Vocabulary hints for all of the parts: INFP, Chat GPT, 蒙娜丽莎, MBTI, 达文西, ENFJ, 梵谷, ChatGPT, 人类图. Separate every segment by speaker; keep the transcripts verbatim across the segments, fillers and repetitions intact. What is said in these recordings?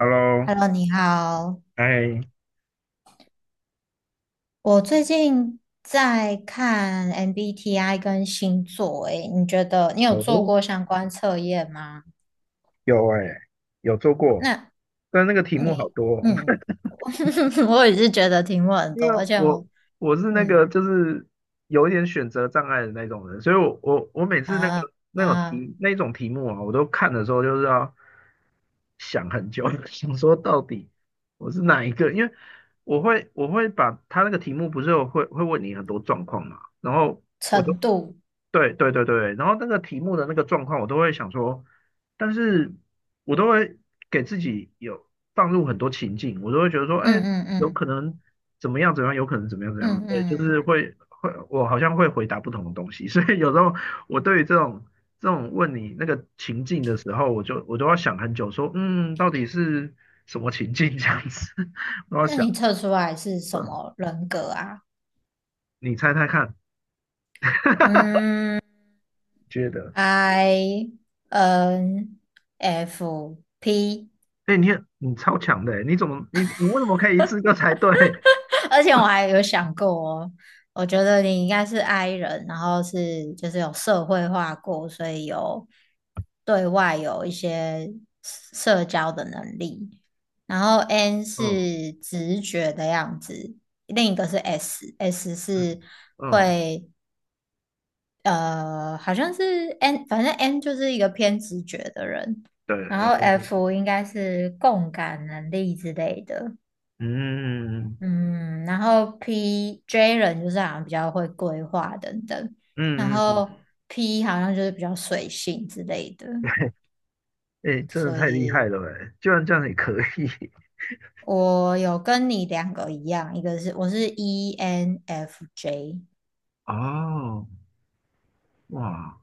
Speaker 1: Hello，
Speaker 2: Hello，你好。
Speaker 1: 哎，
Speaker 2: 我最近在看 M B T I 跟星座，诶，你觉得你有做
Speaker 1: 哦，
Speaker 2: 过相关测验吗？
Speaker 1: 有哎、有做过，
Speaker 2: 那
Speaker 1: 但那个题目好
Speaker 2: 你，
Speaker 1: 多哦。
Speaker 2: 嗯，我也是觉得题目很
Speaker 1: 因
Speaker 2: 多，
Speaker 1: 为
Speaker 2: 而且
Speaker 1: 我
Speaker 2: 我，
Speaker 1: 我是那
Speaker 2: 嗯
Speaker 1: 个就是有一点选择障碍的那种人，所以我我我每次那个
Speaker 2: 啊
Speaker 1: 那种
Speaker 2: 啊，
Speaker 1: 题那种题目啊，我都看的时候就是要想很久，想说到底我是哪一个，因为我会我会把他那个题目不是有会会问你很多状况嘛，然后。我都。
Speaker 2: 程度，
Speaker 1: 对对对对，然后那个题目的那个状况，我都会想说，但是我都会给自己有放入很多情境，我都会觉得说，哎，
Speaker 2: 嗯嗯
Speaker 1: 有
Speaker 2: 嗯
Speaker 1: 可能怎么样怎么样，有可能怎么样怎么样，
Speaker 2: 嗯
Speaker 1: 对，就
Speaker 2: 嗯，
Speaker 1: 是会会，我好像会回答不同的东西，所以有时候我对于这种这种问你那个情境的时候，我就我都要想很久，说，嗯，到底是什么情境这样子，我要
Speaker 2: 那
Speaker 1: 想，
Speaker 2: 你测出来是什
Speaker 1: 呃
Speaker 2: 么人格啊？
Speaker 1: 你猜猜看，
Speaker 2: 嗯
Speaker 1: 觉得。
Speaker 2: ，I N F P。
Speaker 1: 哎、你很你超强的，你怎么你你为什么可以一次就猜对？
Speaker 2: 而且我还有想过哦，我觉得你应该是 I 人，然后是就是有社会化过，所以有对外有一些社交的能力。然后 N
Speaker 1: 嗯
Speaker 2: 是直觉的样子，另一个是 S，S
Speaker 1: 嗯
Speaker 2: 是
Speaker 1: 嗯，
Speaker 2: 会呃，好像是 N，反正 N 就是一个偏直觉的人。
Speaker 1: 对，
Speaker 2: 然后
Speaker 1: 嗯
Speaker 2: F 应该是共感能力之类的。
Speaker 1: 嗯
Speaker 2: 嗯，然后 P J 人就是好像比较会规划等等，然
Speaker 1: 嗯嗯，
Speaker 2: 后 P 好像就是比较随性之类的，
Speaker 1: 哎、真的
Speaker 2: 所
Speaker 1: 太厉害
Speaker 2: 以
Speaker 1: 了哎，居然这样也可以
Speaker 2: 我有跟你两个一样，一个是我是 E N F J，
Speaker 1: 哦，哇，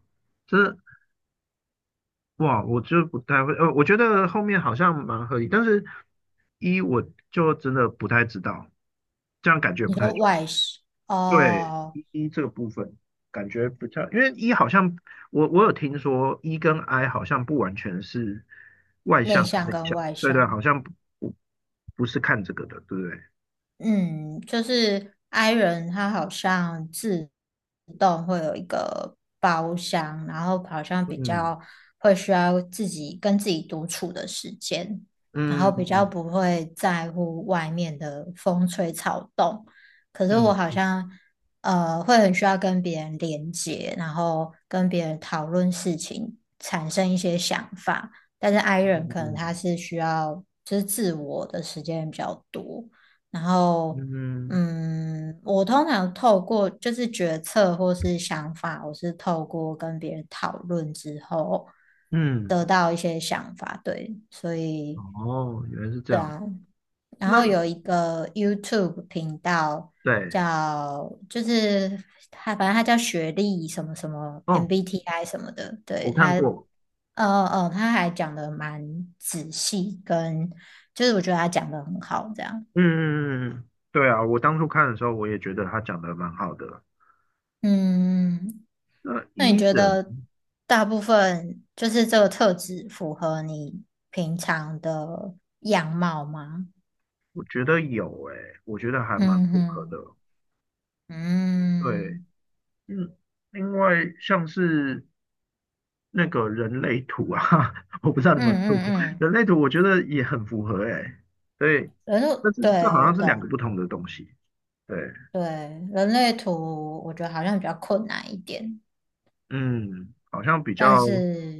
Speaker 1: 这哇，我就不太会，呃，我觉得后面好像蛮合理，但是一我就真的不太知道，这样感觉
Speaker 2: 你
Speaker 1: 不太。
Speaker 2: 说外向
Speaker 1: 对
Speaker 2: 哦，
Speaker 1: 一一这个部分感觉比较，因为一好像我我有听说一跟 I 好像不完全是外
Speaker 2: 内
Speaker 1: 向跟
Speaker 2: 向
Speaker 1: 内
Speaker 2: 跟
Speaker 1: 向，
Speaker 2: 外
Speaker 1: 对对，好
Speaker 2: 向，
Speaker 1: 像不不不是看这个的，对不对？
Speaker 2: 嗯，就是 i 人他好像自动会有一个包厢，然后好像比
Speaker 1: 嗯
Speaker 2: 较会需要自己跟自己独处的时间，然后比较
Speaker 1: 嗯
Speaker 2: 不会在乎外面的风吹草动。可是我
Speaker 1: 嗯
Speaker 2: 好
Speaker 1: 嗯
Speaker 2: 像呃会很需要跟别人连接，然后跟别人讨论事情，产生一些想法。但是 i 人可能他
Speaker 1: 嗯
Speaker 2: 是需要就是自我的时间比较多。然后，
Speaker 1: 嗯
Speaker 2: 嗯，我通常透过就是决策或是想法，我是透过跟别人讨论之后
Speaker 1: 嗯，
Speaker 2: 得到一些想法，对，所以
Speaker 1: 哦，原来是这样。
Speaker 2: 然
Speaker 1: 那
Speaker 2: 后有一个 YouTube 频道
Speaker 1: 对
Speaker 2: 叫，就是他，反正他叫学历什么什么
Speaker 1: 哦，
Speaker 2: M B T I 什么的，对，
Speaker 1: 我看
Speaker 2: 它，
Speaker 1: 过，
Speaker 2: 呃呃，他还讲的蛮仔细，跟就是我觉得他讲的很好，这样。
Speaker 1: 嗯嗯嗯，嗯对啊，我当初看的时候我也觉得他讲的蛮好的。
Speaker 2: 嗯，
Speaker 1: 那
Speaker 2: 那你
Speaker 1: 一
Speaker 2: 觉
Speaker 1: 人
Speaker 2: 得大部分就是这个特质符合你平常的样貌吗？
Speaker 1: 我觉得有诶、我觉得还蛮
Speaker 2: 嗯
Speaker 1: 符合
Speaker 2: 哼，
Speaker 1: 的。对，
Speaker 2: 嗯
Speaker 1: 嗯，另外像是那个人类图啊，我不知道你
Speaker 2: 嗯
Speaker 1: 们有
Speaker 2: 嗯
Speaker 1: 没有做过
Speaker 2: 嗯，
Speaker 1: 人类图，我觉得也很符合诶、以
Speaker 2: 人类，
Speaker 1: 但是
Speaker 2: 对，
Speaker 1: 这好
Speaker 2: 我
Speaker 1: 像是两个
Speaker 2: 懂，
Speaker 1: 不同的东西，对，
Speaker 2: 对，人类图我觉得好像比较困难一点，
Speaker 1: 嗯，好像比
Speaker 2: 但
Speaker 1: 较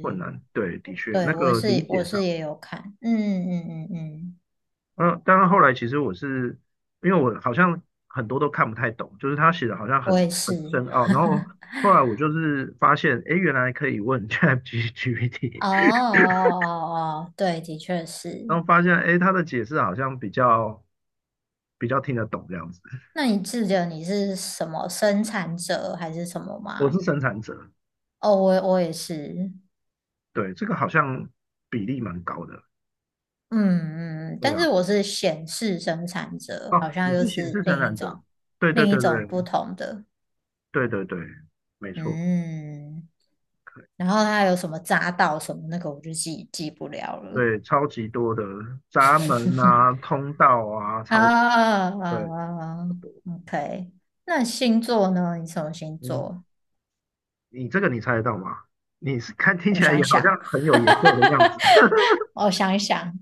Speaker 1: 困难，对，的确那
Speaker 2: 对我
Speaker 1: 个理
Speaker 2: 是
Speaker 1: 解
Speaker 2: 我是
Speaker 1: 上，
Speaker 2: 也有看，嗯嗯嗯嗯，
Speaker 1: 嗯、呃当然后来其实我是因为我好像很多都看不太懂，就是他写的好像
Speaker 2: 我
Speaker 1: 很
Speaker 2: 也
Speaker 1: 很
Speaker 2: 是，
Speaker 1: 深奥，然后后来我就是发现，诶，原来可以问
Speaker 2: 哦
Speaker 1: ChatGPT，
Speaker 2: 哦哦哦，哦对，的确
Speaker 1: 然
Speaker 2: 是。
Speaker 1: 后发现，哎，他的解释好像比较比较听得懂这样子。
Speaker 2: 那你记得你是什么生产者还是什么
Speaker 1: 我是
Speaker 2: 吗？
Speaker 1: 生产者，
Speaker 2: 哦，我我也是，
Speaker 1: 对，这个好像比例蛮高的。
Speaker 2: 嗯嗯，嗯
Speaker 1: 对
Speaker 2: 但
Speaker 1: 啊，
Speaker 2: 是我是显示生产者，
Speaker 1: 哦，
Speaker 2: 好
Speaker 1: 你
Speaker 2: 像又
Speaker 1: 是显
Speaker 2: 是
Speaker 1: 示生
Speaker 2: 另一
Speaker 1: 产
Speaker 2: 种
Speaker 1: 者，对对
Speaker 2: 另一
Speaker 1: 对
Speaker 2: 种不
Speaker 1: 对
Speaker 2: 同的，
Speaker 1: 对对对，没错，
Speaker 2: 嗯。
Speaker 1: 可以
Speaker 2: 然后他有什么匝道什么那个，我就记记不了了
Speaker 1: 对，超级多的闸门啊、通道啊，
Speaker 2: 啊
Speaker 1: 超
Speaker 2: 啊啊
Speaker 1: 对，
Speaker 2: 啊
Speaker 1: 很
Speaker 2: 嗯
Speaker 1: 多。
Speaker 2: ！OK，那星座呢？你什么星
Speaker 1: 嗯，
Speaker 2: 座？
Speaker 1: 你这个你猜得到吗？你是看听
Speaker 2: 我
Speaker 1: 起来也
Speaker 2: 想
Speaker 1: 好像
Speaker 2: 想，
Speaker 1: 很有研究的样子，
Speaker 2: 我想想，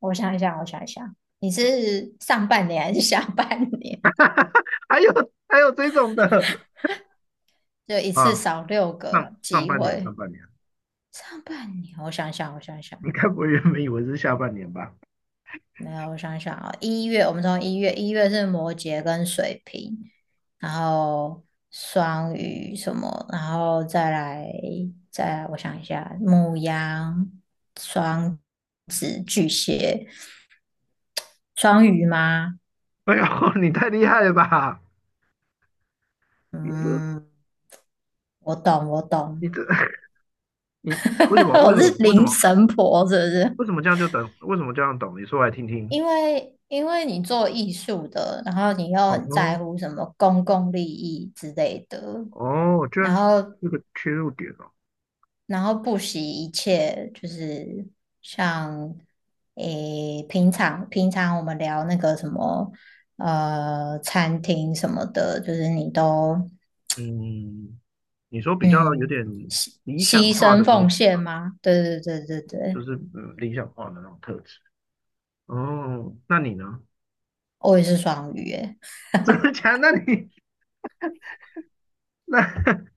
Speaker 2: 我想一想，我想一想，你是上半年还是下半年？
Speaker 1: 还有还有这种的
Speaker 2: 就 一次
Speaker 1: 啊，
Speaker 2: 少六个
Speaker 1: 上上
Speaker 2: 机
Speaker 1: 半年上
Speaker 2: 会。
Speaker 1: 半年，
Speaker 2: 上半年，我想想，我想想，
Speaker 1: 你该不会原本以为是下半年吧？
Speaker 2: 没有，我想想啊，一月我们从一月，一月是摩羯跟水瓶，然后双鱼什么，然后再来再来我想一下，牧羊双双鱼吗？
Speaker 1: 哎呦，你太厉害了吧！你这、
Speaker 2: 嗯，我懂，我
Speaker 1: 你
Speaker 2: 懂，
Speaker 1: 这、你为什 么、为
Speaker 2: 我
Speaker 1: 什
Speaker 2: 是
Speaker 1: 么、为什
Speaker 2: 灵
Speaker 1: 么、
Speaker 2: 神婆，是不是？
Speaker 1: 为什么这样就懂？为什么这样懂？你说来听听。
Speaker 2: 因为因为你做艺术的，然后你又很在
Speaker 1: 哦
Speaker 2: 乎什么公共利益之类的，
Speaker 1: 哦，居然
Speaker 2: 然
Speaker 1: 是
Speaker 2: 后
Speaker 1: 这个切入点哦。
Speaker 2: 然后不惜一切，就是像诶平常平常我们聊那个什么呃餐厅什么的，就是你都
Speaker 1: 嗯，你说比较有
Speaker 2: 嗯
Speaker 1: 点
Speaker 2: 牺
Speaker 1: 理想
Speaker 2: 牺
Speaker 1: 化的
Speaker 2: 牲
Speaker 1: 那
Speaker 2: 奉
Speaker 1: 种，
Speaker 2: 献吗？对对对对
Speaker 1: 就
Speaker 2: 对，
Speaker 1: 是嗯理想化的那种特质。哦，那你呢？
Speaker 2: 我也是双鱼耶，
Speaker 1: 真么假的那你那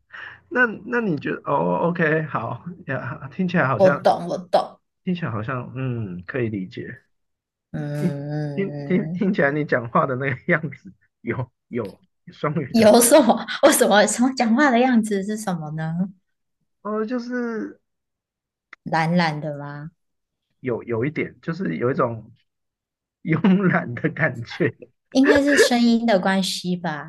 Speaker 1: 那那你觉得？哦，OK，好呀，听起来好
Speaker 2: 我
Speaker 1: 像
Speaker 2: 懂我懂，
Speaker 1: 听起来好像嗯可以理解。
Speaker 2: 嗯
Speaker 1: 听听
Speaker 2: 嗯
Speaker 1: 听起
Speaker 2: 嗯。
Speaker 1: 来你讲话的那个样子，有有双语的，
Speaker 2: 有什么？为什么什么讲话的样子是什么呢？
Speaker 1: 哦，就是
Speaker 2: 懒懒的吗？
Speaker 1: 有有一点，就是有一种 慵懒的感觉。
Speaker 2: 应该是声音的关系吧，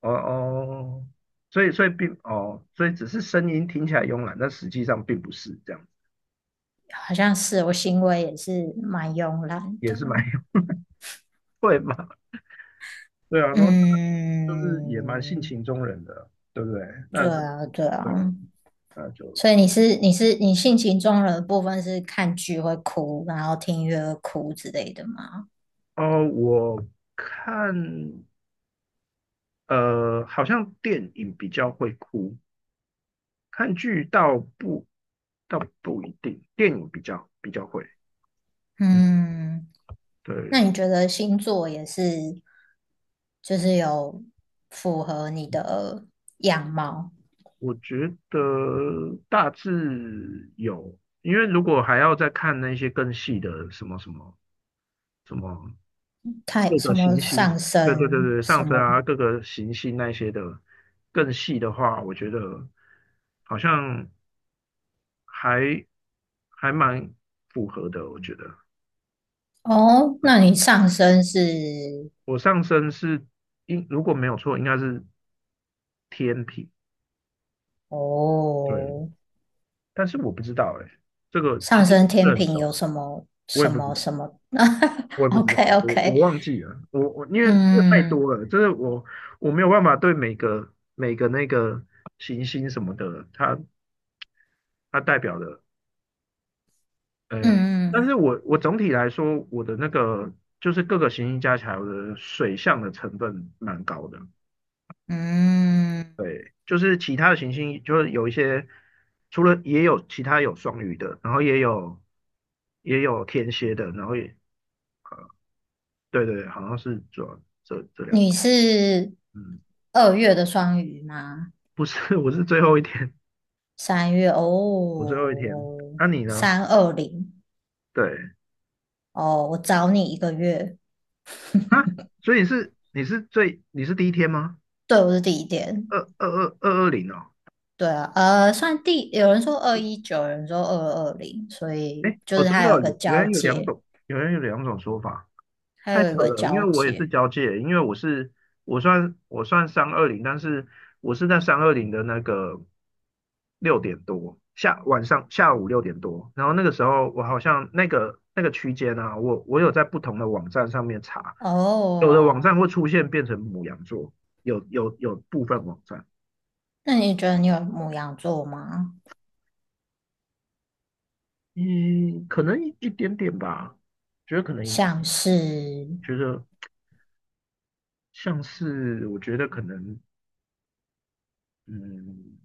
Speaker 1: 哦哦，所以所以并哦，所以只是声音听起来慵懒，但实际上并不是这样，
Speaker 2: 好像是我行为也是蛮慵懒
Speaker 1: 也
Speaker 2: 的。
Speaker 1: 是蛮有 会嘛。对啊，然后就是也蛮性
Speaker 2: 嗯，
Speaker 1: 情中人的，对不对？那
Speaker 2: 对
Speaker 1: 就
Speaker 2: 啊，对
Speaker 1: 对啊，
Speaker 2: 啊。
Speaker 1: 那就
Speaker 2: 所以你是你是你性情中人的部分是看剧会哭，然后听音乐会哭之类的吗？
Speaker 1: 哦，我看呃，好像电影比较会哭。看剧倒不倒不一定，电影比较比较会。嗯，
Speaker 2: 嗯，那
Speaker 1: 对，
Speaker 2: 你觉得星座也是就是有符合你的样貌？
Speaker 1: 我觉得大致有，因为如果还要再看那些更细的什么什么什么
Speaker 2: 太
Speaker 1: 各
Speaker 2: 什
Speaker 1: 个
Speaker 2: 么
Speaker 1: 行星，
Speaker 2: 上
Speaker 1: 对对对
Speaker 2: 升
Speaker 1: 对，上
Speaker 2: 什
Speaker 1: 升
Speaker 2: 么
Speaker 1: 啊，各个行星那些的更细的话，我觉得好像还还蛮符合的。我觉得
Speaker 2: 哦？那你上升是
Speaker 1: 我上升是应如果没有错，应该是天平。对，
Speaker 2: 哦，
Speaker 1: 但是我不知道哎、这个其
Speaker 2: 上
Speaker 1: 实我
Speaker 2: 升
Speaker 1: 不
Speaker 2: 天
Speaker 1: 是很
Speaker 2: 平有
Speaker 1: 熟哎、
Speaker 2: 什么
Speaker 1: 我
Speaker 2: 什
Speaker 1: 也不知
Speaker 2: 么
Speaker 1: 道，
Speaker 2: 什么
Speaker 1: 我也 不知道，
Speaker 2: ？OK
Speaker 1: 我我
Speaker 2: OK，
Speaker 1: 忘记了，我我因为这太
Speaker 2: 嗯
Speaker 1: 多了，就是我我没有办法对每个每个那个行星什么的，它它代表的，哎、但是
Speaker 2: 嗯
Speaker 1: 我我总体来说，我的那个就是各个行星加起来，我的水象的成分蛮高的，
Speaker 2: 嗯嗯，
Speaker 1: 对，就是其他的行星就是有一些，除了也有其他有双鱼的，然后也有也有天蝎的，然后也对对对好像是主要这这两
Speaker 2: 你
Speaker 1: 个，
Speaker 2: 是
Speaker 1: 嗯，
Speaker 2: 二月的双鱼吗？
Speaker 1: 不是，我是最后一天，
Speaker 2: 三月
Speaker 1: 我最后一天，
Speaker 2: 哦，
Speaker 1: 那、你呢？
Speaker 2: 三二零
Speaker 1: 对
Speaker 2: 哦，我找你一个月，
Speaker 1: 啊，所以你是你是最你是第一天吗？
Speaker 2: 对，我是第一点。
Speaker 1: 二二二二二零哦，
Speaker 2: 对啊，呃，算第，有人说二一九，有人说二二零，所以
Speaker 1: 哎
Speaker 2: 就
Speaker 1: 哦，
Speaker 2: 是
Speaker 1: 真
Speaker 2: 它
Speaker 1: 的
Speaker 2: 有一
Speaker 1: 哦
Speaker 2: 个
Speaker 1: 有原
Speaker 2: 交
Speaker 1: 来有两
Speaker 2: 界，
Speaker 1: 种，原来有两种说法。
Speaker 2: 它
Speaker 1: 太
Speaker 2: 有一
Speaker 1: 扯
Speaker 2: 个
Speaker 1: 了，因为
Speaker 2: 交
Speaker 1: 我也是
Speaker 2: 界。
Speaker 1: 交界，因为我是我算我算三二零，但是我是在三二零的那个六点多下晚上下午六点多，然后那个时候我好像那个那个区间啊，我我有在不同的网站上面查，有的网
Speaker 2: 哦，
Speaker 1: 站会出现变成母羊座，有有有部分网站，
Speaker 2: 那你觉得你有母羊座吗？
Speaker 1: 嗯，可能一一点点吧，觉得可能一
Speaker 2: 像是，
Speaker 1: 觉得像是我觉得可能嗯。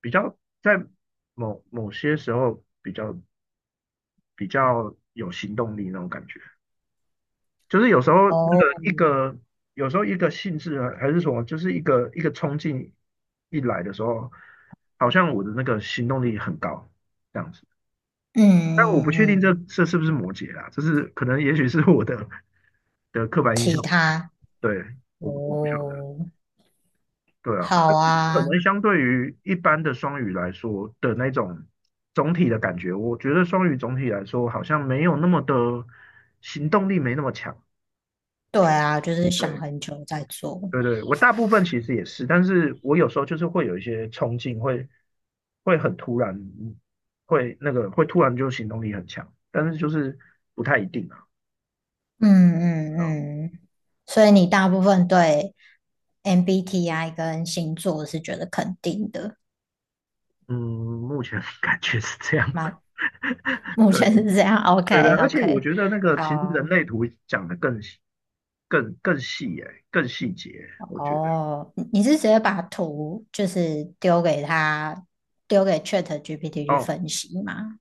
Speaker 1: 比较在某某些时候比较比较有行动力那种感觉，就是有时候那个
Speaker 2: 哦，
Speaker 1: 一个有时候一个性质啊还是什么，就是一个一个冲劲一来的时候，好像我的那个行动力很高这样子，
Speaker 2: 嗯
Speaker 1: 但我不
Speaker 2: 嗯
Speaker 1: 确定这
Speaker 2: 嗯，
Speaker 1: 这是不是摩羯啦，这是可能也许是我的 的刻板印
Speaker 2: 其
Speaker 1: 象，
Speaker 2: 他，
Speaker 1: 对，我我不晓得。
Speaker 2: 哦，
Speaker 1: 对啊，
Speaker 2: 好
Speaker 1: 但是可
Speaker 2: 啊，
Speaker 1: 能相对于一般的双语来说的那种总体的感觉，我觉得双语总体来说好像没有那么的行动力，没那么强。我
Speaker 2: 对
Speaker 1: 觉得，
Speaker 2: 啊，就是想
Speaker 1: 对
Speaker 2: 很久再做。
Speaker 1: 对对，我大部分其实也是，但是我有时候就是会有一些冲劲，会会很突然，嗯会那个会突然就行动力很强，但是就是不太一定啊。
Speaker 2: 嗯
Speaker 1: 啊
Speaker 2: 嗯嗯，所以你大部分对 M B T I 跟星座是觉得肯定的。
Speaker 1: 嗯，目前 感觉是这样。
Speaker 2: 蛮 目
Speaker 1: 对。
Speaker 2: 前是这样
Speaker 1: 对对，
Speaker 2: ，OK
Speaker 1: 而且我
Speaker 2: OK，
Speaker 1: 觉得那个
Speaker 2: 好
Speaker 1: 其实人
Speaker 2: 啊，
Speaker 1: 类图讲的更细更更细耶、更细节，我觉得
Speaker 2: 哦，你你是直接把图就是丢给他，丢给 Chat G P T 去
Speaker 1: 哦，
Speaker 2: 分析吗？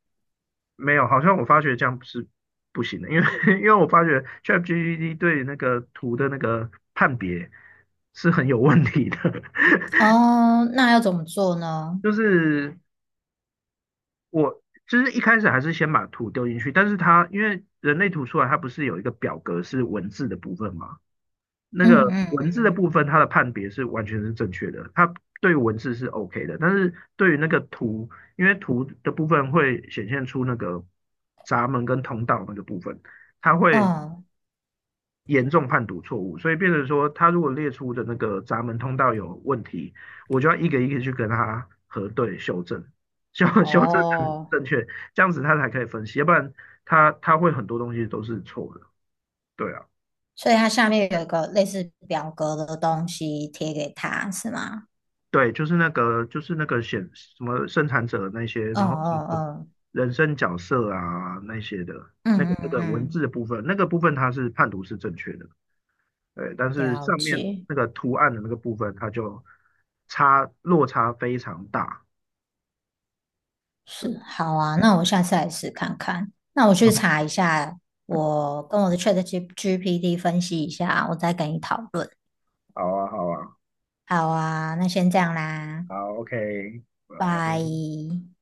Speaker 1: 没有，好像我发觉这样是不行的，因为 因为我发觉 ChatGPT 对那个图的那个判别是很有问题的，
Speaker 2: 哦，那要怎么做呢？
Speaker 1: 就是我就是一开始还是先把图丢进去，但是它因为人类图出来，它不是有一个表格是文字的部分吗？那
Speaker 2: 嗯
Speaker 1: 个
Speaker 2: 嗯
Speaker 1: 文字的部分，它的判别是完全是正确的，它对文字是 OK 的，但是对于那个图，因为图的部分会显现出那个闸门跟通道那个部分，它会
Speaker 2: 嗯，
Speaker 1: 严重判读错误，所以变成说，它如果列出的那个闸门通道有问题，我就要一个一个去跟它核对修正，修 修正成
Speaker 2: 哦，
Speaker 1: 正确，这样子它才可以分析，要不然它它会很多东西都是错的，对啊。
Speaker 2: 所以它下面有一个类似表格的东西贴给他，是吗？
Speaker 1: 对，就是那个，就是那个显什么生产者那些，
Speaker 2: 嗯
Speaker 1: 然后什么
Speaker 2: 嗯
Speaker 1: 人生角色啊那些的，
Speaker 2: 嗯
Speaker 1: 那个
Speaker 2: 嗯
Speaker 1: 那
Speaker 2: 嗯
Speaker 1: 个文字
Speaker 2: 嗯，
Speaker 1: 的部分，那个部分它是判读是正确的，对，但是
Speaker 2: 了
Speaker 1: 上面
Speaker 2: 解。
Speaker 1: 那个图案的那个部分，它就差落差非常大。
Speaker 2: 是，
Speaker 1: 对，
Speaker 2: 好啊，那我下次来试看看。那我去查一下，我跟我的 Chat G p t 分析一下，我再跟你讨论。
Speaker 1: 好啊，好啊，
Speaker 2: 好啊，那先这样啦，
Speaker 1: 好，OK，拜。
Speaker 2: 拜。